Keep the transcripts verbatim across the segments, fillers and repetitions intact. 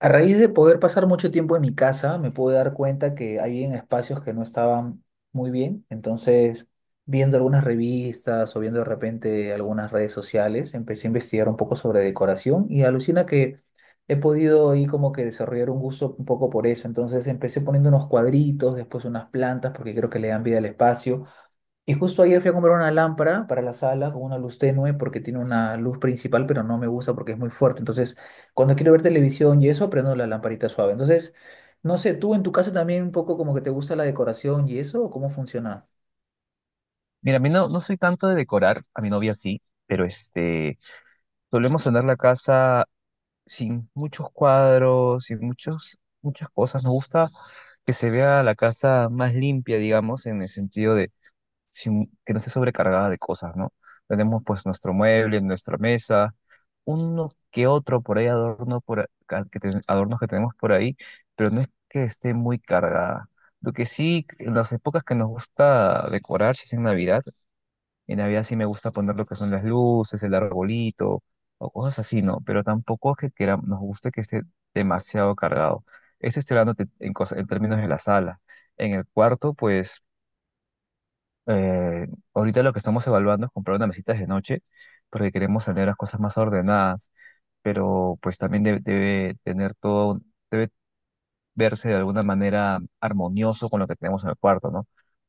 A raíz de poder pasar mucho tiempo en mi casa, me pude dar cuenta que hay en espacios que no estaban muy bien. Entonces, viendo algunas revistas o viendo de repente algunas redes sociales, empecé a investigar un poco sobre decoración y alucina que he podido ahí como que desarrollar un gusto un poco por eso. Entonces, empecé poniendo unos cuadritos, después unas plantas, porque creo que le dan vida al espacio. Y justo ayer fui a comprar una lámpara para la sala con una luz tenue porque tiene una luz principal, pero no me gusta porque es muy fuerte. Entonces, cuando quiero ver televisión y eso, prendo la lamparita suave. Entonces, no sé, ¿tú en tu casa también un poco como que te gusta la decoración y eso o cómo funciona? Mira, a mí no, no soy tanto de decorar, a mi novia sí, pero este, solemos sonar la casa sin muchos cuadros, sin muchos, muchas cosas. Nos gusta que se vea la casa más limpia, digamos, en el sentido de sin- que no esté sobrecargada de cosas, ¿no? Tenemos pues nuestro mueble, nuestra mesa, uno que otro por ahí adorno por acá- que ten- adornos que tenemos por ahí, pero no es que esté muy cargada. Lo que sí, en las épocas que nos gusta decorar, si es en Navidad, en Navidad sí me gusta poner lo que son las luces, el arbolito o cosas así, ¿no? Pero tampoco es que quera- nos guste que esté demasiado cargado. Esto estoy hablando te- en, cosa- en términos de la sala. En el cuarto, pues eh, ahorita lo que estamos evaluando es comprar una mesita de noche porque queremos tener las cosas más ordenadas, pero pues también de- debe tener todo, debe verse de alguna manera armonioso con lo que tenemos en el cuarto, ¿no?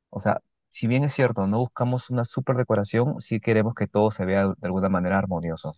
O sea, si bien es cierto, no buscamos una super decoración, sí queremos que todo se vea de alguna manera armonioso.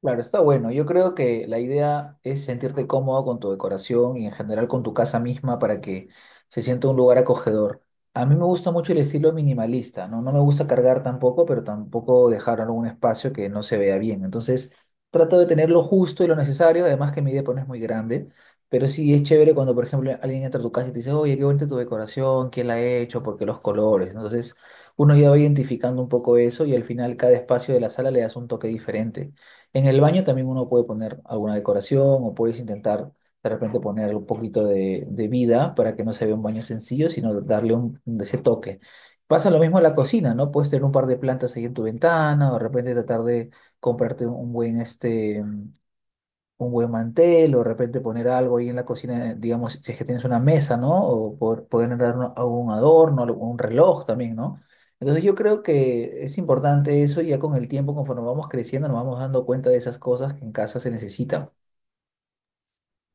Claro, está bueno. Yo creo que la idea es sentirte cómodo con tu decoración y en general con tu casa misma para que se sienta un lugar acogedor. A mí me gusta mucho el estilo minimalista, ¿no? No me gusta cargar tampoco, pero tampoco dejar algún espacio que no se vea bien. Entonces, trato de tener lo justo y lo necesario, además que mi depa no es muy grande, pero sí es chévere cuando, por ejemplo, alguien entra a tu casa y te dice, oye, qué bonita tu decoración, quién la ha hecho, por qué los colores, ¿no? Entonces, uno ya va identificando un poco eso y al final cada espacio de la sala le das un toque diferente. En el baño también uno puede poner alguna decoración o puedes intentar de repente poner un poquito de, de vida para que no se vea un baño sencillo, sino darle un, ese toque. Pasa lo mismo en la cocina, ¿no? Puedes tener un par de plantas ahí en tu ventana o de repente tratar de comprarte un buen este un buen mantel o de repente poner algo ahí en la cocina, eh, digamos, si es que tienes una mesa, ¿no? O por- poder entrar algún adorno, algo- un reloj también, ¿no? Entonces yo creo que es importante eso y ya con el tiempo, conforme vamos creciendo, nos vamos dando cuenta de esas cosas que en casa se necesitan.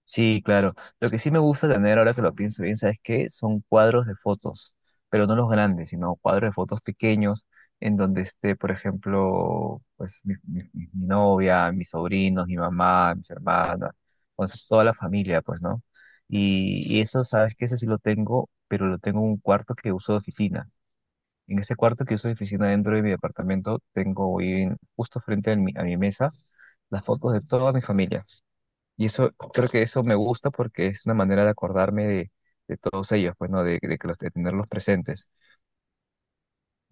Sí, claro. Lo que sí me gusta tener, ahora que lo pienso bien, ¿sabes qué? Son cuadros de fotos, pero no los grandes, sino cuadros de fotos pequeños en donde esté, por ejemplo, pues mi, mi- mi- mi novia, mis sobrinos, mi mamá, mis hermanas, o sea, toda la familia, pues, ¿no? Y, y eso, ¿sabes qué? Ese sí lo tengo, pero lo tengo en un cuarto que uso de oficina. En ese cuarto que uso de oficina dentro de mi departamento, tengo ahí en- justo frente a mi, a mi mesa las fotos de toda mi familia. Y eso, creo que eso me gusta porque es una manera de acordarme de, de todos ellos, pues, ¿no? De, de que los, de tenerlos presentes.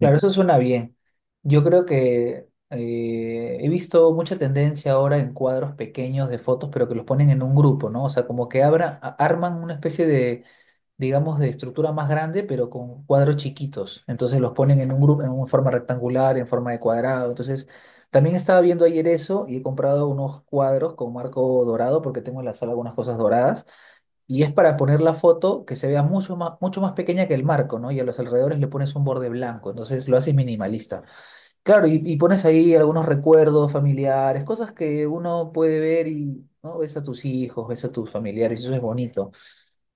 Mm. eso suena bien. Yo creo que eh, he visto mucha tendencia ahora en cuadros pequeños de fotos, pero que los ponen en un grupo, ¿no? O sea, como que abra, a- arman una especie de, digamos, de estructura más grande, pero con cuadros chiquitos. Entonces los ponen en un grupo, en una forma rectangular, en forma de cuadrado. Entonces, también estaba viendo ayer eso y he comprado unos cuadros con marco dorado porque tengo en la sala algunas cosas doradas. Y es para poner la foto que se vea mucho más, mucho más pequeña que el marco, ¿no? Y a los alrededores le pones un borde blanco, entonces lo haces minimalista. Claro, y, y pones ahí algunos recuerdos familiares, cosas que uno puede ver y, ¿no? Ves a tus hijos, ves a tus familiares, y eso es bonito.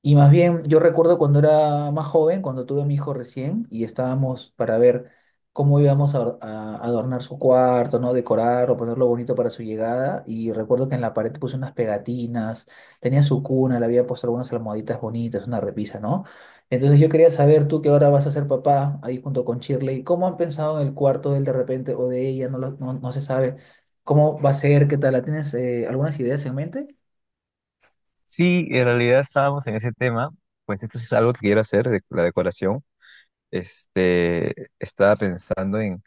Y más bien, yo recuerdo cuando era más joven, cuando tuve a mi hijo recién, y estábamos para ver cómo íbamos a, or- a adornar su cuarto, ¿no? Decorar o ponerlo bonito para su llegada. Y recuerdo que en la pared puse unas pegatinas, tenía su cuna, le había puesto algunas almohaditas bonitas, una repisa, ¿no? Entonces yo quería saber, tú que ahora vas a ser papá, ahí junto con Shirley, ¿cómo han pensado en el cuarto de él de repente o de ella? No, lo- no, no se sabe. ¿Cómo va a ser? ¿Qué tal? ¿La ¿Tienes eh, algunas ideas en mente? Sí, en realidad estábamos en ese tema, pues esto sí es algo que quiero hacer, de, la decoración. Este, estaba pensando en,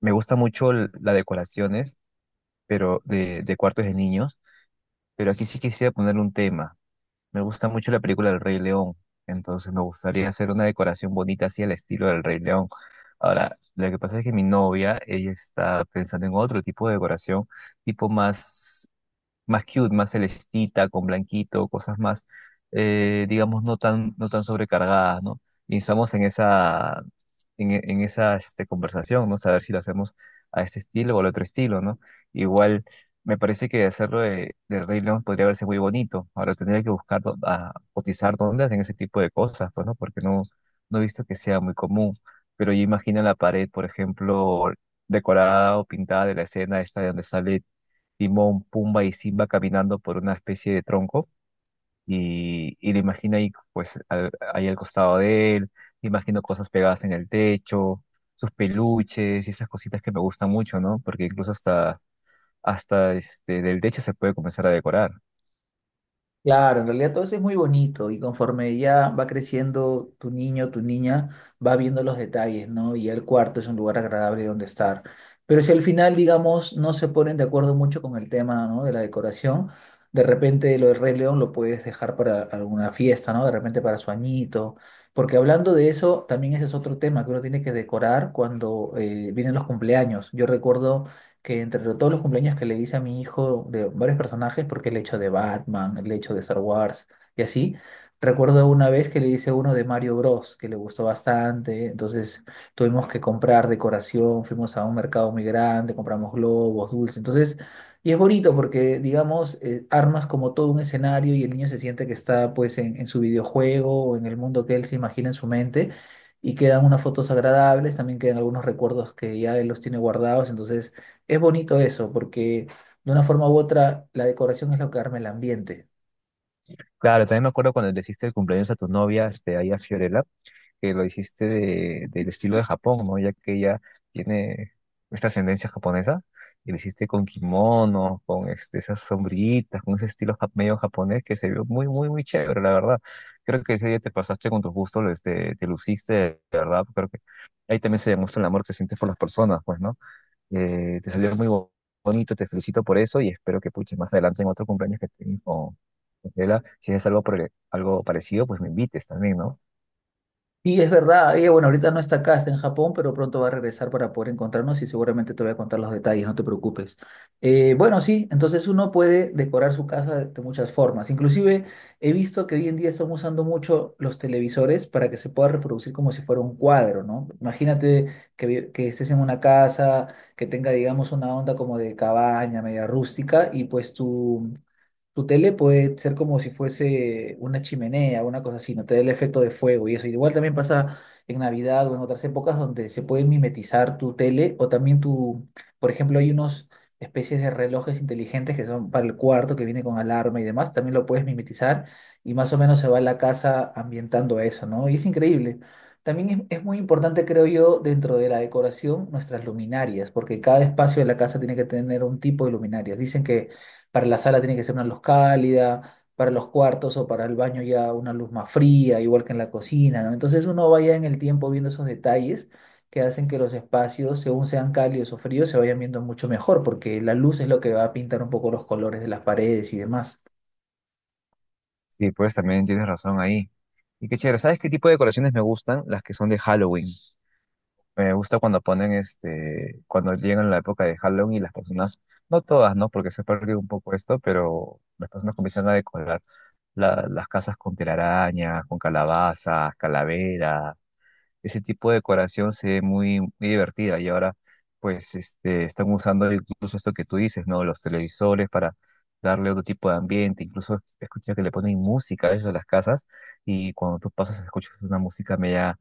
me gusta mucho l- las decoraciones, pero de, de cuartos de niños, pero aquí sí quisiera ponerle un tema. Me gusta mucho la película del Rey León, entonces me gustaría hacer una decoración bonita así al estilo del Rey León. Ahora, lo que pasa es que mi novia, ella está pensando en otro tipo de decoración, tipo más más cute, más celestita, con blanquito, cosas más, eh, digamos, no tan, no tan sobrecargadas, ¿no? Y estamos en esa, en, e- en esa este, conversación, ¿no? Saber si lo hacemos a este estilo o al otro estilo, ¿no? Igual, me parece que hacerlo de, de Rey León podría verse muy bonito. Ahora tendría que buscar, dó- a, cotizar dónde hacen ese tipo de cosas, pues, ¿no? Porque no, no he visto que sea muy común. Pero yo imagino la pared, por ejemplo, decorada o pintada de la escena esta de donde sale Timón, Pumba y Simba caminando por una especie de tronco y, y le imagina ahí, pues, al- ahí al costado de él, le imagino cosas pegadas en el techo, sus peluches y esas cositas que me gustan mucho, ¿no? Porque incluso hasta, hasta este, del techo se puede comenzar a decorar. Claro, en realidad todo eso es muy bonito y conforme ya va creciendo tu niño, tu niña, va viendo los detalles, ¿no? Y ya el cuarto es un lugar agradable donde estar. Pero si al final, digamos, no se ponen de acuerdo mucho con el tema, ¿no?, de la decoración, de repente lo de Rey León lo puedes dejar para alguna fiesta, ¿no? De repente para su añito. Porque hablando de eso, también ese es otro tema que uno tiene que decorar cuando eh, vienen los cumpleaños. Yo recuerdo que entre todos los cumpleaños que le hice a mi hijo de varios personajes, porque le he hecho de Batman, le he hecho de Star Wars y así, recuerdo una vez que le hice uno de Mario Bros, que le gustó bastante, entonces tuvimos que comprar decoración, fuimos a un mercado muy grande, compramos globos, dulces, entonces... Y es bonito porque, digamos, eh, armas como todo un escenario y el niño se siente que está pues en, en su videojuego o en el mundo que él se imagina en su mente, y quedan unas fotos agradables, también quedan algunos recuerdos que ya él los tiene guardados, entonces es bonito eso, porque de una forma u otra la decoración es lo que arma el ambiente. Claro, también me acuerdo cuando le hiciste el cumpleaños a tu novia, este, ahí a Fiorella, que lo hiciste de- del estilo de Japón, ¿no? Ya que ella tiene esta ascendencia japonesa, y lo hiciste con kimono, con este, esas sombrillitas, con ese estilo jap- medio japonés que se vio muy, muy, muy chévere, la verdad. Creo que ese día te pasaste con tus gustos, este, te luciste, de verdad. Creo que ahí también se demuestra el amor que sientes por las personas, pues, ¿no? Eh, te salió muy bo- bonito, te felicito por eso y espero que puches más adelante en otro cumpleaños que tengas con Gabriela, si es algo, por- algo parecido, pues me invites también, ¿no? Y es verdad, ella, bueno, ahorita no está acá, está en Japón, pero pronto va a regresar para poder encontrarnos y seguramente te voy a contar los detalles, no te preocupes. Eh, bueno, sí, entonces uno puede decorar su casa de, de muchas formas. Inclusive he visto que hoy en día están usando mucho los televisores para que se pueda reproducir como si fuera un cuadro, ¿no? Imagínate que, vi- que estés en una casa que tenga, digamos, una onda como de cabaña, media rústica, y pues tú tu tele puede ser como si fuese una chimenea, una cosa así, no te da el efecto de fuego y eso. Igual también pasa en Navidad o en otras épocas donde se puede mimetizar tu tele o también tu, por ejemplo, hay unos especies de relojes inteligentes que son para el cuarto, que viene con alarma y demás, también lo puedes mimetizar y más o menos se va la casa ambientando a eso, ¿no? Y es increíble. También es, es muy importante, creo yo, dentro de la decoración, nuestras luminarias, porque cada espacio de la casa tiene que tener un tipo de luminarias. Dicen que para la sala tiene que ser una luz cálida, para los cuartos o para el baño ya una luz más fría, igual que en la cocina, ¿no? Entonces uno vaya en el tiempo viendo esos detalles que hacen que los espacios, según sean cálidos o fríos, se vayan viendo mucho mejor, porque la luz es lo que va a pintar un poco los colores de las paredes y demás. Sí, pues también tienes razón ahí. Y qué chévere, ¿sabes qué tipo de decoraciones me gustan? Las que son de Halloween. Me gusta cuando ponen este, cuando llegan la época de Halloween y las personas, no todas, ¿no? Porque se perdió un poco esto, pero las personas comienzan a decorar la- las casas con telarañas, con calabazas, calaveras. Ese tipo de decoración se ve muy, muy divertida y ahora pues este, están usando incluso esto que tú dices, ¿no? Los televisores para darle otro tipo de ambiente, incluso escuchar que le ponen música a ellos a las casas y cuando tú pasas escuchas una música media,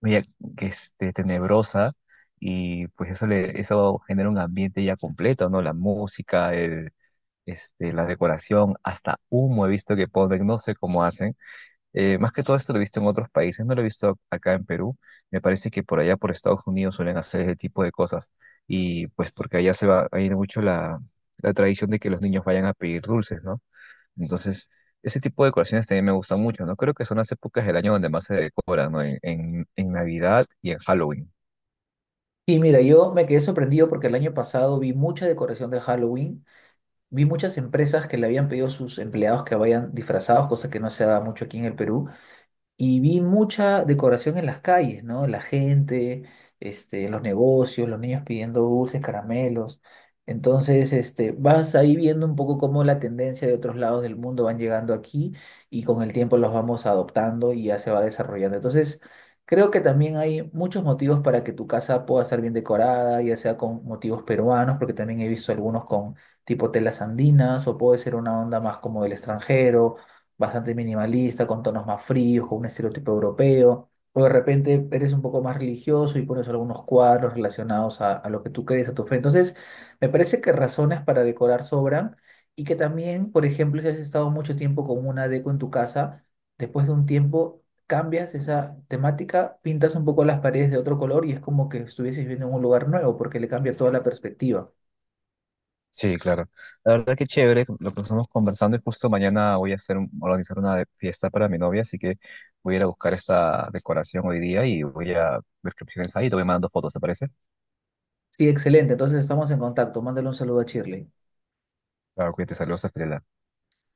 media que este, tenebrosa y pues eso, le, eso genera un ambiente ya completo, ¿no? La música, el, este, la decoración, hasta humo he visto que ponen, no sé cómo hacen. eh, más que todo esto lo he visto en otros países, no lo he visto acá en Perú. Me parece que por allá, por Estados Unidos, suelen hacer ese tipo de cosas. Y pues porque allá se va a ir mucho la, la tradición de que los niños vayan a pedir dulces, ¿no? Entonces, ese tipo de decoraciones también me gustan mucho, ¿no? Creo que son las épocas del año donde más se decora, ¿no? En, en, en Navidad y en Halloween. Y mira, yo me quedé sorprendido porque el año pasado vi mucha decoración de Halloween, vi muchas empresas que le habían pedido a sus empleados que vayan disfrazados, cosa que no se da mucho aquí en el Perú. Y vi mucha decoración en las calles, ¿no? La gente, este, los negocios, los niños pidiendo dulces, caramelos. Entonces, este, vas ahí viendo un poco cómo la tendencia de otros lados del mundo van llegando aquí y con el tiempo los vamos adoptando y ya se va desarrollando. Entonces, creo que también hay muchos motivos para que tu casa pueda estar bien decorada, ya sea con motivos peruanos, porque también he visto algunos con tipo telas andinas o puede ser una onda más como del extranjero, bastante minimalista, con tonos más fríos, con un estereotipo europeo, o de repente eres un poco más religioso y pones algunos cuadros relacionados a, a lo que tú crees, a tu fe. Entonces, me parece que razones para decorar sobran y que también, por ejemplo, si has estado mucho tiempo con una deco en tu casa, después de un tiempo cambias esa temática, pintas un poco las paredes de otro color y es como que estuvieses viendo en un lugar nuevo porque le cambia toda la perspectiva. Sí, claro. La verdad que chévere, lo que estamos conversando y justo mañana voy a hacer un- organizar una de- fiesta para mi novia, así que voy a ir a buscar esta decoración hoy día y voy a ver qué opciones hay y te voy mandando fotos, ¿te parece? Sí, excelente. Entonces estamos en contacto. Mándale un saludo a Shirley. Claro, cuídate, saludos a Fiorella.